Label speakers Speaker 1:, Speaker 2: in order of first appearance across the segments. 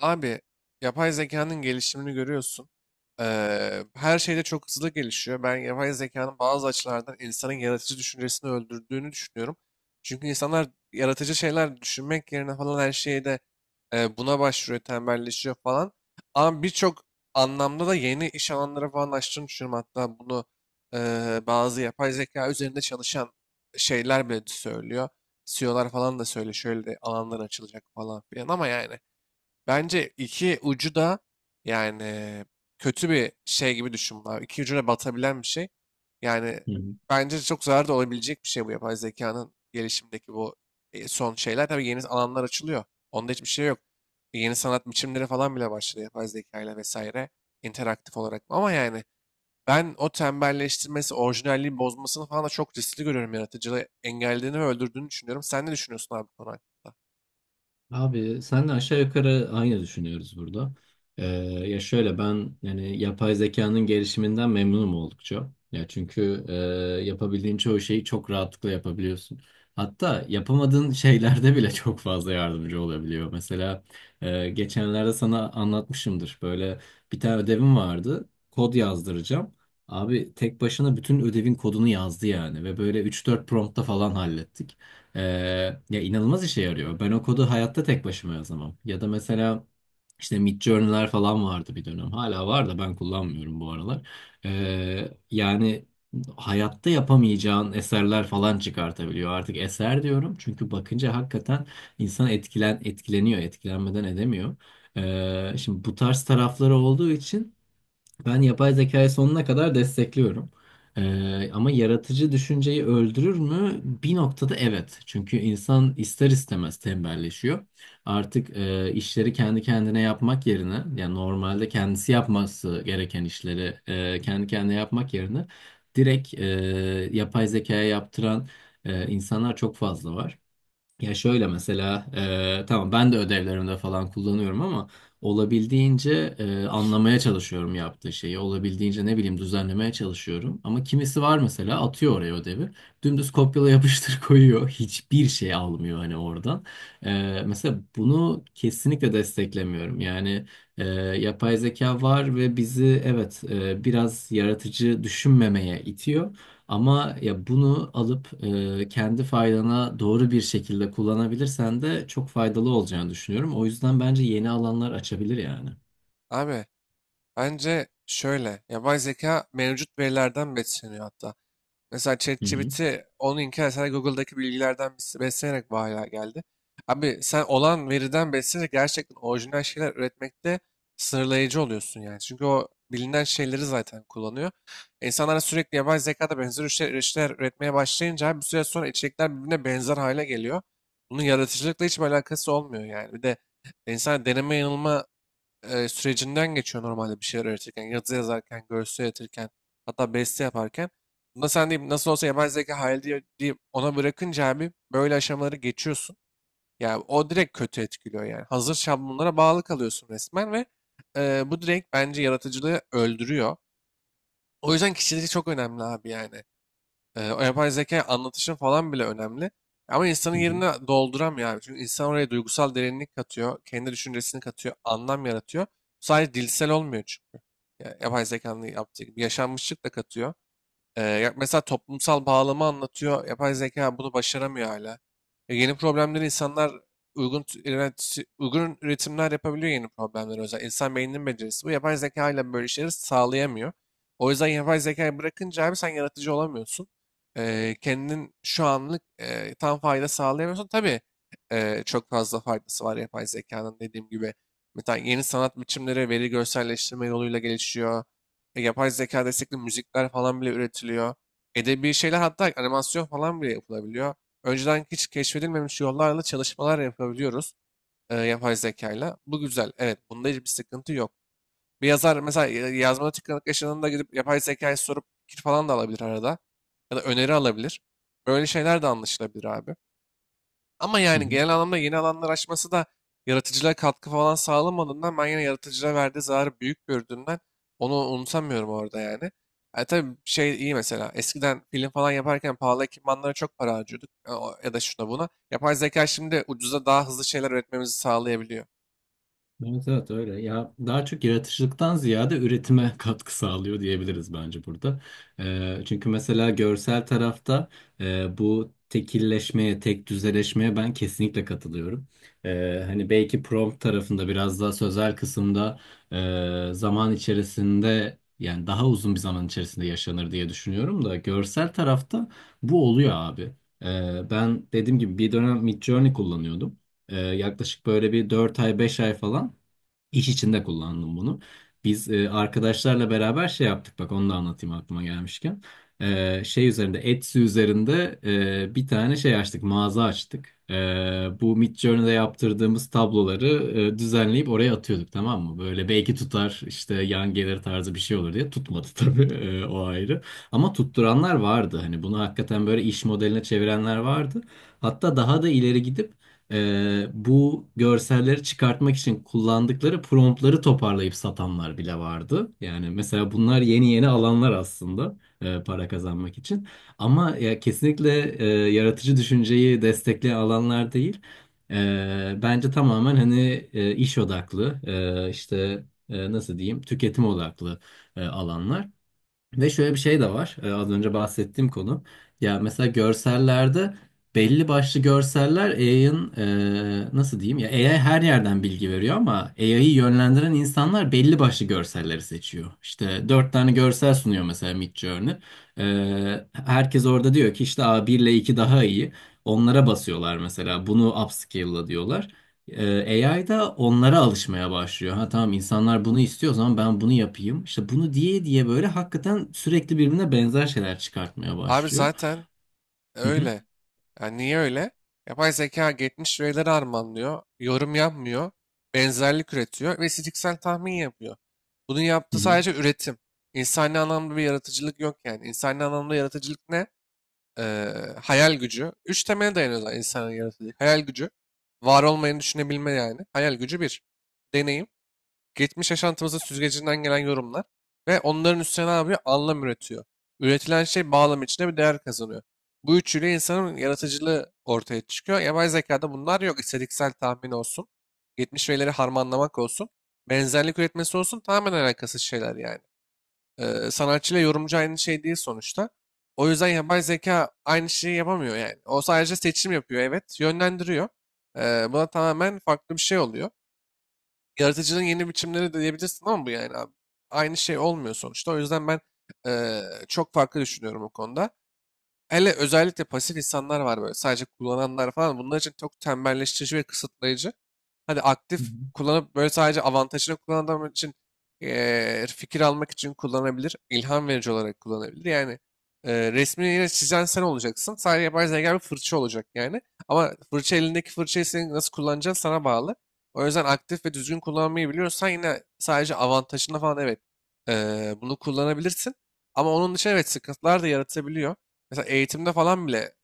Speaker 1: Abi yapay zekanın gelişimini görüyorsun. Her şeyde çok hızlı gelişiyor. Ben yapay zekanın bazı açılardan insanın yaratıcı düşüncesini öldürdüğünü düşünüyorum. Çünkü insanlar yaratıcı şeyler düşünmek yerine falan her şeyde buna başvuruyor, tembelleşiyor falan. Ama birçok anlamda da yeni iş alanları falan açtığını düşünüyorum. Hatta bunu bazı yapay zeka üzerinde çalışan şeyler bile söylüyor. CEO'lar falan da söyle şöyle de alanlar açılacak falan filan, ama yani bence iki ucu da, yani, kötü bir şey gibi düşün abi. İki ucuna batabilen bir şey. Yani
Speaker 2: Hı hı.
Speaker 1: bence çok zarar da olabilecek bir şey bu yapay zekanın gelişimdeki bu son şeyler. Tabii yeni alanlar açılıyor. Onda hiçbir şey yok. Yeni sanat biçimleri falan bile başladı yapay zekayla vesaire. İnteraktif olarak. Ama yani ben o tembelleştirmesi, orijinalliği bozmasını falan da çok riskli görüyorum. Yaratıcılığı engellediğini ve öldürdüğünü düşünüyorum. Sen ne düşünüyorsun abi bu konu hakkında?
Speaker 2: Abi senle aşağı yukarı aynı düşünüyoruz burada. Ee, Ya şöyle ben yani yapay zekanın gelişiminden memnunum oldukça. Ya çünkü yapabildiğin çoğu şeyi çok rahatlıkla yapabiliyorsun. Hatta yapamadığın şeylerde bile çok fazla yardımcı olabiliyor. Mesela geçenlerde sana anlatmışımdır. Böyle bir tane ödevim vardı. Kod yazdıracağım. Abi tek başına bütün ödevin kodunu yazdı yani ve böyle üç dört promptta falan hallettik. Ee, Ya inanılmaz işe yarıyor. Ben o kodu hayatta tek başıma yazamam. Ya da mesela işte Midjourney'ler falan vardı bir dönem. Hala var da ben kullanmıyorum bu aralar. Yani hayatta yapamayacağın eserler falan çıkartabiliyor. Artık eser diyorum çünkü bakınca hakikaten insan etkileniyor, etkilenmeden edemiyor. Şimdi bu tarz tarafları olduğu için. Ben yapay zekayı sonuna kadar destekliyorum. Ama yaratıcı düşünceyi öldürür mü? Bir noktada evet. Çünkü insan ister istemez tembelleşiyor. Artık işleri kendi kendine yapmak yerine, yani normalde kendisi yapması gereken işleri kendi kendine yapmak yerine direkt yapay zekaya yaptıran insanlar çok fazla var. Ya şöyle mesela tamam ben de ödevlerimde falan kullanıyorum ama olabildiğince anlamaya çalışıyorum yaptığı şeyi. Olabildiğince ne bileyim düzenlemeye çalışıyorum. Ama kimisi var mesela atıyor oraya ödevi. Dümdüz kopyala yapıştır koyuyor. Hiçbir şey almıyor hani oradan. Mesela bunu kesinlikle desteklemiyorum. Yani e, yapay zeka var ve bizi evet, biraz yaratıcı düşünmemeye itiyor. Ama ya bunu alıp kendi faydana doğru bir şekilde kullanabilirsen de çok faydalı olacağını düşünüyorum. O yüzden bence yeni alanlar açabilir yani.
Speaker 1: Abi, bence şöyle, yapay zeka mevcut verilerden besleniyor hatta. Mesela
Speaker 2: Hı hı.
Speaker 1: ChatGPT onu inkar etse de Google'daki bilgilerden beslenerek bu hale geldi. Abi, sen olan veriden beslenerek gerçekten orijinal şeyler üretmekte sınırlayıcı oluyorsun yani. Çünkü o bilinen şeyleri zaten kullanıyor. İnsanlar sürekli yapay zekada benzer işler üretmeye başlayınca abi bir süre sonra içerikler birbirine benzer hale geliyor. Bunun yaratıcılıkla hiçbir alakası olmuyor yani. Bir de insan deneme yanılma sürecinden geçiyor normalde bir şeyler öğretirken. Yazı yazarken, görsel üretirken, hatta beste yaparken. Bunda sen deyip nasıl olsa yapay zeka hayal diye, deyip ona bırakınca abi böyle aşamaları geçiyorsun. Yani o direkt kötü etkiliyor yani. Hazır şablonlara bağlı kalıyorsun resmen ve bu direkt bence yaratıcılığı öldürüyor. O yüzden kişilik çok önemli abi yani. O yapay zeka anlatışın falan bile önemli. Ama insanın
Speaker 2: Hı hı.
Speaker 1: yerine dolduramıyor abi. Çünkü insan oraya duygusal derinlik katıyor. Kendi düşüncesini katıyor. Anlam yaratıyor. Sadece dilsel olmuyor çünkü. Ya, yapay zekanın yaptığı gibi yaşanmışlık da katıyor. Ya mesela toplumsal bağlama anlatıyor. Yapay zeka bunu başaramıyor hala. Yeni problemleri insanlar uygun üretimler yapabiliyor yeni problemleri. O yüzden insan beyninin becerisi bu. Yapay zeka ile böyle şeyleri sağlayamıyor. O yüzden yapay zekayı bırakınca abi sen yaratıcı olamıyorsun. Kendin şu anlık tam fayda sağlayamıyorsun. Tabii çok fazla faydası var yapay zekanın dediğim gibi. Mesela yeni sanat biçimleri veri görselleştirme yoluyla gelişiyor. Yapay zeka destekli müzikler falan bile üretiliyor. Edebi şeyler hatta animasyon falan bile yapılabiliyor. Önceden hiç keşfedilmemiş yollarla çalışmalar yapabiliyoruz yapay zekayla. Bu güzel. Evet, bunda hiçbir sıkıntı yok. Bir yazar mesela yazmada tıkanık yaşadığında gidip yapay zekaya sorup fikir falan da alabilir arada. Ya da öneri alabilir. Böyle şeyler de anlaşılabilir abi. Ama
Speaker 2: Hı
Speaker 1: yani
Speaker 2: hı.
Speaker 1: genel anlamda yeni alanlar açması da yaratıcılığa katkı falan sağlamadığından ben yine yaratıcılığa verdiği zararı büyük gördüğümden onu unutamıyorum orada yani. E tabii şey iyi, mesela eskiden film falan yaparken pahalı ekipmanlara çok para harcıyorduk. Ya da şuna buna. Yapay zeka şimdi ucuza daha hızlı şeyler üretmemizi sağlayabiliyor.
Speaker 2: Evet, evet, öyle. Ya daha çok yaratıcılıktan ziyade üretime katkı sağlıyor diyebiliriz bence burada. Çünkü mesela görsel tarafta bu tekilleşmeye, tek düzeleşmeye ben kesinlikle katılıyorum. Hani belki prompt tarafında biraz daha sözel kısımda zaman içerisinde yani daha uzun bir zaman içerisinde yaşanır diye düşünüyorum da görsel tarafta bu oluyor abi. Ben dediğim gibi bir dönem Midjourney kullanıyordum. Yaklaşık böyle bir 4 ay 5 ay falan. İş içinde kullandım bunu. Biz arkadaşlarla beraber şey yaptık, bak onu da anlatayım aklıma gelmişken. Şey üzerinde, Etsy üzerinde bir tane şey açtık, mağaza açtık. Bu Midjourney'de yaptırdığımız tabloları düzenleyip oraya atıyorduk, tamam mı? Böyle belki tutar işte yan gelir tarzı bir şey olur diye, tutmadı tabii, o ayrı. Ama tutturanlar vardı, hani bunu hakikaten böyle iş modeline çevirenler vardı. Hatta daha da ileri gidip bu görselleri çıkartmak için kullandıkları promptları toparlayıp satanlar bile vardı. Yani mesela bunlar yeni yeni alanlar aslında, para kazanmak için. Ama ya kesinlikle, yaratıcı düşünceyi destekleyen alanlar değil. Bence tamamen hani, iş odaklı, işte nasıl diyeyim, tüketim odaklı alanlar. Ve şöyle bir şey de var. Az önce bahsettiğim konu. Ya mesela görsellerde belli başlı görseller AI'ın, nasıl diyeyim, ya AI her yerden bilgi veriyor ama AI'yi yönlendiren insanlar belli başlı görselleri seçiyor. İşte dört tane görsel sunuyor mesela Midjourney. Herkes orada diyor ki işte A1 ile 2 daha iyi. Onlara basıyorlar mesela. Bunu upscale'la diyorlar. AI da onlara alışmaya başlıyor. Ha tamam, insanlar bunu istiyor, o zaman ben bunu yapayım. İşte bunu diye diye böyle hakikaten sürekli birbirine benzer şeyler çıkartmaya
Speaker 1: Abi
Speaker 2: başlıyor.
Speaker 1: zaten
Speaker 2: Hı hı,
Speaker 1: öyle. Yani niye öyle? Yapay zeka geçmiş verileri harmanlıyor, yorum yapmıyor, benzerlik üretiyor ve istatistiksel tahmin yapıyor. Bunun
Speaker 2: hı
Speaker 1: yaptığı
Speaker 2: hı,
Speaker 1: sadece üretim. İnsani anlamda bir yaratıcılık yok yani. İnsani anlamda yaratıcılık ne? Ee, Hayal gücü. Üç temele dayanıyor zaten insanın yaratıcılık. Hayal gücü. Var olmayanı düşünebilme yani. Hayal gücü bir. Deneyim, geçmiş yaşantımızın süzgecinden gelen yorumlar ve onların üstüne ne yapıyor? Anlam üretiyor. Üretilen şey bağlam içinde bir değer kazanıyor. Bu üçüyle insanın yaratıcılığı ortaya çıkıyor. Yapay zekada bunlar yok. İstatistiksel tahmin olsun. Geçmiş verileri harmanlamak olsun. Benzerlik üretmesi olsun. Tamamen alakasız şeyler yani. Sanatçıyla yorumcu aynı şey değil sonuçta. O yüzden yapay zeka aynı şeyi yapamıyor yani. O sadece seçim yapıyor, evet. Yönlendiriyor. Buna tamamen farklı bir şey oluyor. Yaratıcılığın yeni biçimleri de diyebilirsin ama bu yani abi. Aynı şey olmuyor sonuçta. O yüzden ben eee, çok farklı düşünüyorum bu konuda. Hele özellikle pasif insanlar var böyle sadece kullananlar falan. Bunlar için çok tembelleştirici ve kısıtlayıcı. Hadi
Speaker 2: hı
Speaker 1: aktif
Speaker 2: hı,
Speaker 1: kullanıp böyle sadece avantajını kullanan adam için fikir almak için kullanabilir. İlham verici olarak kullanabilir. Yani resmini yine çizen sen olacaksın. Sadece yapay zeka bir fırça olacak yani. Ama elindeki fırçayı senin nasıl kullanacağın sana bağlı. O yüzden aktif ve düzgün kullanmayı biliyorsan yine sadece avantajını falan, evet, bunu kullanabilirsin. Ama onun için evet sıkıntılar da yaratabiliyor. Mesela eğitimde falan bile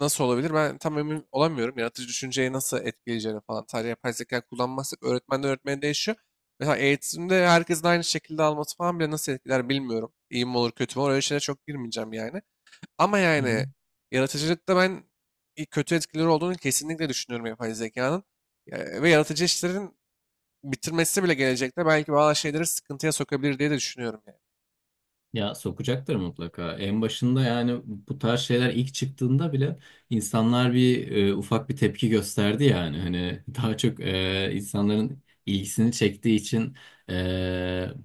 Speaker 1: nasıl olabilir ben tam emin olamıyorum. Yaratıcı düşünceyi nasıl etkileyeceğini falan. Sadece yapay zeka kullanmazsak öğretmenden öğretmene değişiyor. Mesela eğitimde herkesin aynı şekilde alması falan bile nasıl etkiler bilmiyorum. İyi mi olur kötü mü olur öyle şeylere çok girmeyeceğim yani. Ama
Speaker 2: hı hı.
Speaker 1: yani yaratıcılıkta ben kötü etkileri olduğunu kesinlikle düşünüyorum yapay zekanın. Ve yaratıcı işlerin bitirmesi bile gelecekte belki bazı şeyleri sıkıntıya sokabilir diye de düşünüyorum yani.
Speaker 2: Ya sokacaktır mutlaka. En başında yani bu tarz şeyler ilk çıktığında bile insanlar ufak bir tepki gösterdi yani. Hani daha çok, insanların ilgisini çektiği için e,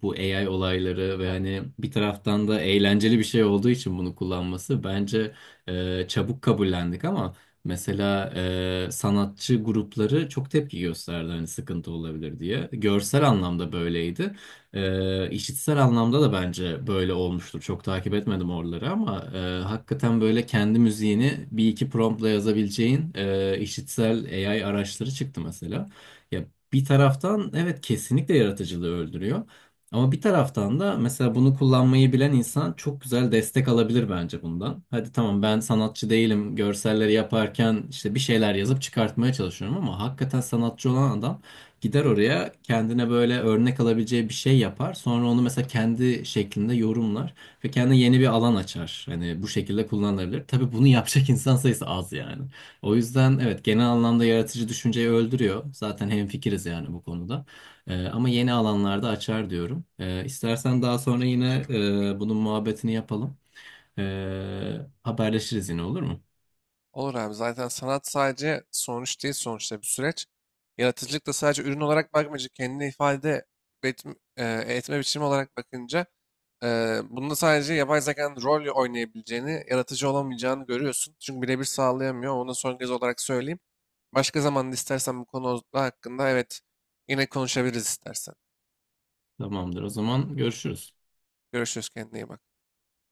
Speaker 2: bu AI olayları ve hani bir taraftan da eğlenceli bir şey olduğu için bunu kullanması bence çabuk kabullendik ama mesela sanatçı grupları çok tepki gösterdi hani sıkıntı olabilir diye. Görsel anlamda böyleydi. İşitsel anlamda da bence böyle olmuştur. Çok takip etmedim oraları ama hakikaten böyle kendi müziğini bir iki promptla yazabileceğin işitsel AI araçları çıktı mesela. Ya bir taraftan evet kesinlikle yaratıcılığı öldürüyor. Ama bir taraftan da mesela bunu kullanmayı bilen insan çok güzel destek alabilir bence bundan. Hadi tamam, ben sanatçı değilim, görselleri yaparken işte bir şeyler yazıp çıkartmaya çalışıyorum ama hakikaten sanatçı olan adam gider oraya kendine böyle örnek alabileceği bir şey yapar. Sonra onu mesela kendi şeklinde yorumlar ve kendine yeni bir alan açar. Hani bu şekilde kullanılabilir. Tabii bunu yapacak insan sayısı az yani. O yüzden evet, genel anlamda yaratıcı düşünceyi öldürüyor. Zaten hemfikiriz yani bu konuda. Ama yeni alanlarda açar diyorum. İstersen daha sonra yine bunun muhabbetini yapalım. Haberleşiriz yine, olur mu?
Speaker 1: Olur abi, zaten sanat sadece sonuç değil sonuçta, bir süreç. Yaratıcılık da sadece ürün olarak bakmayınca, kendini ifade etme biçimi olarak bakınca e, bunda sadece yapay zekanın rol oynayabileceğini, yaratıcı olamayacağını görüyorsun. Çünkü birebir sağlayamıyor. Onu son kez olarak söyleyeyim. Başka zaman istersen bu konu hakkında, evet, yine konuşabiliriz istersen.
Speaker 2: Tamamdır. O zaman görüşürüz.
Speaker 1: Görüşürüz, kendine iyi bak.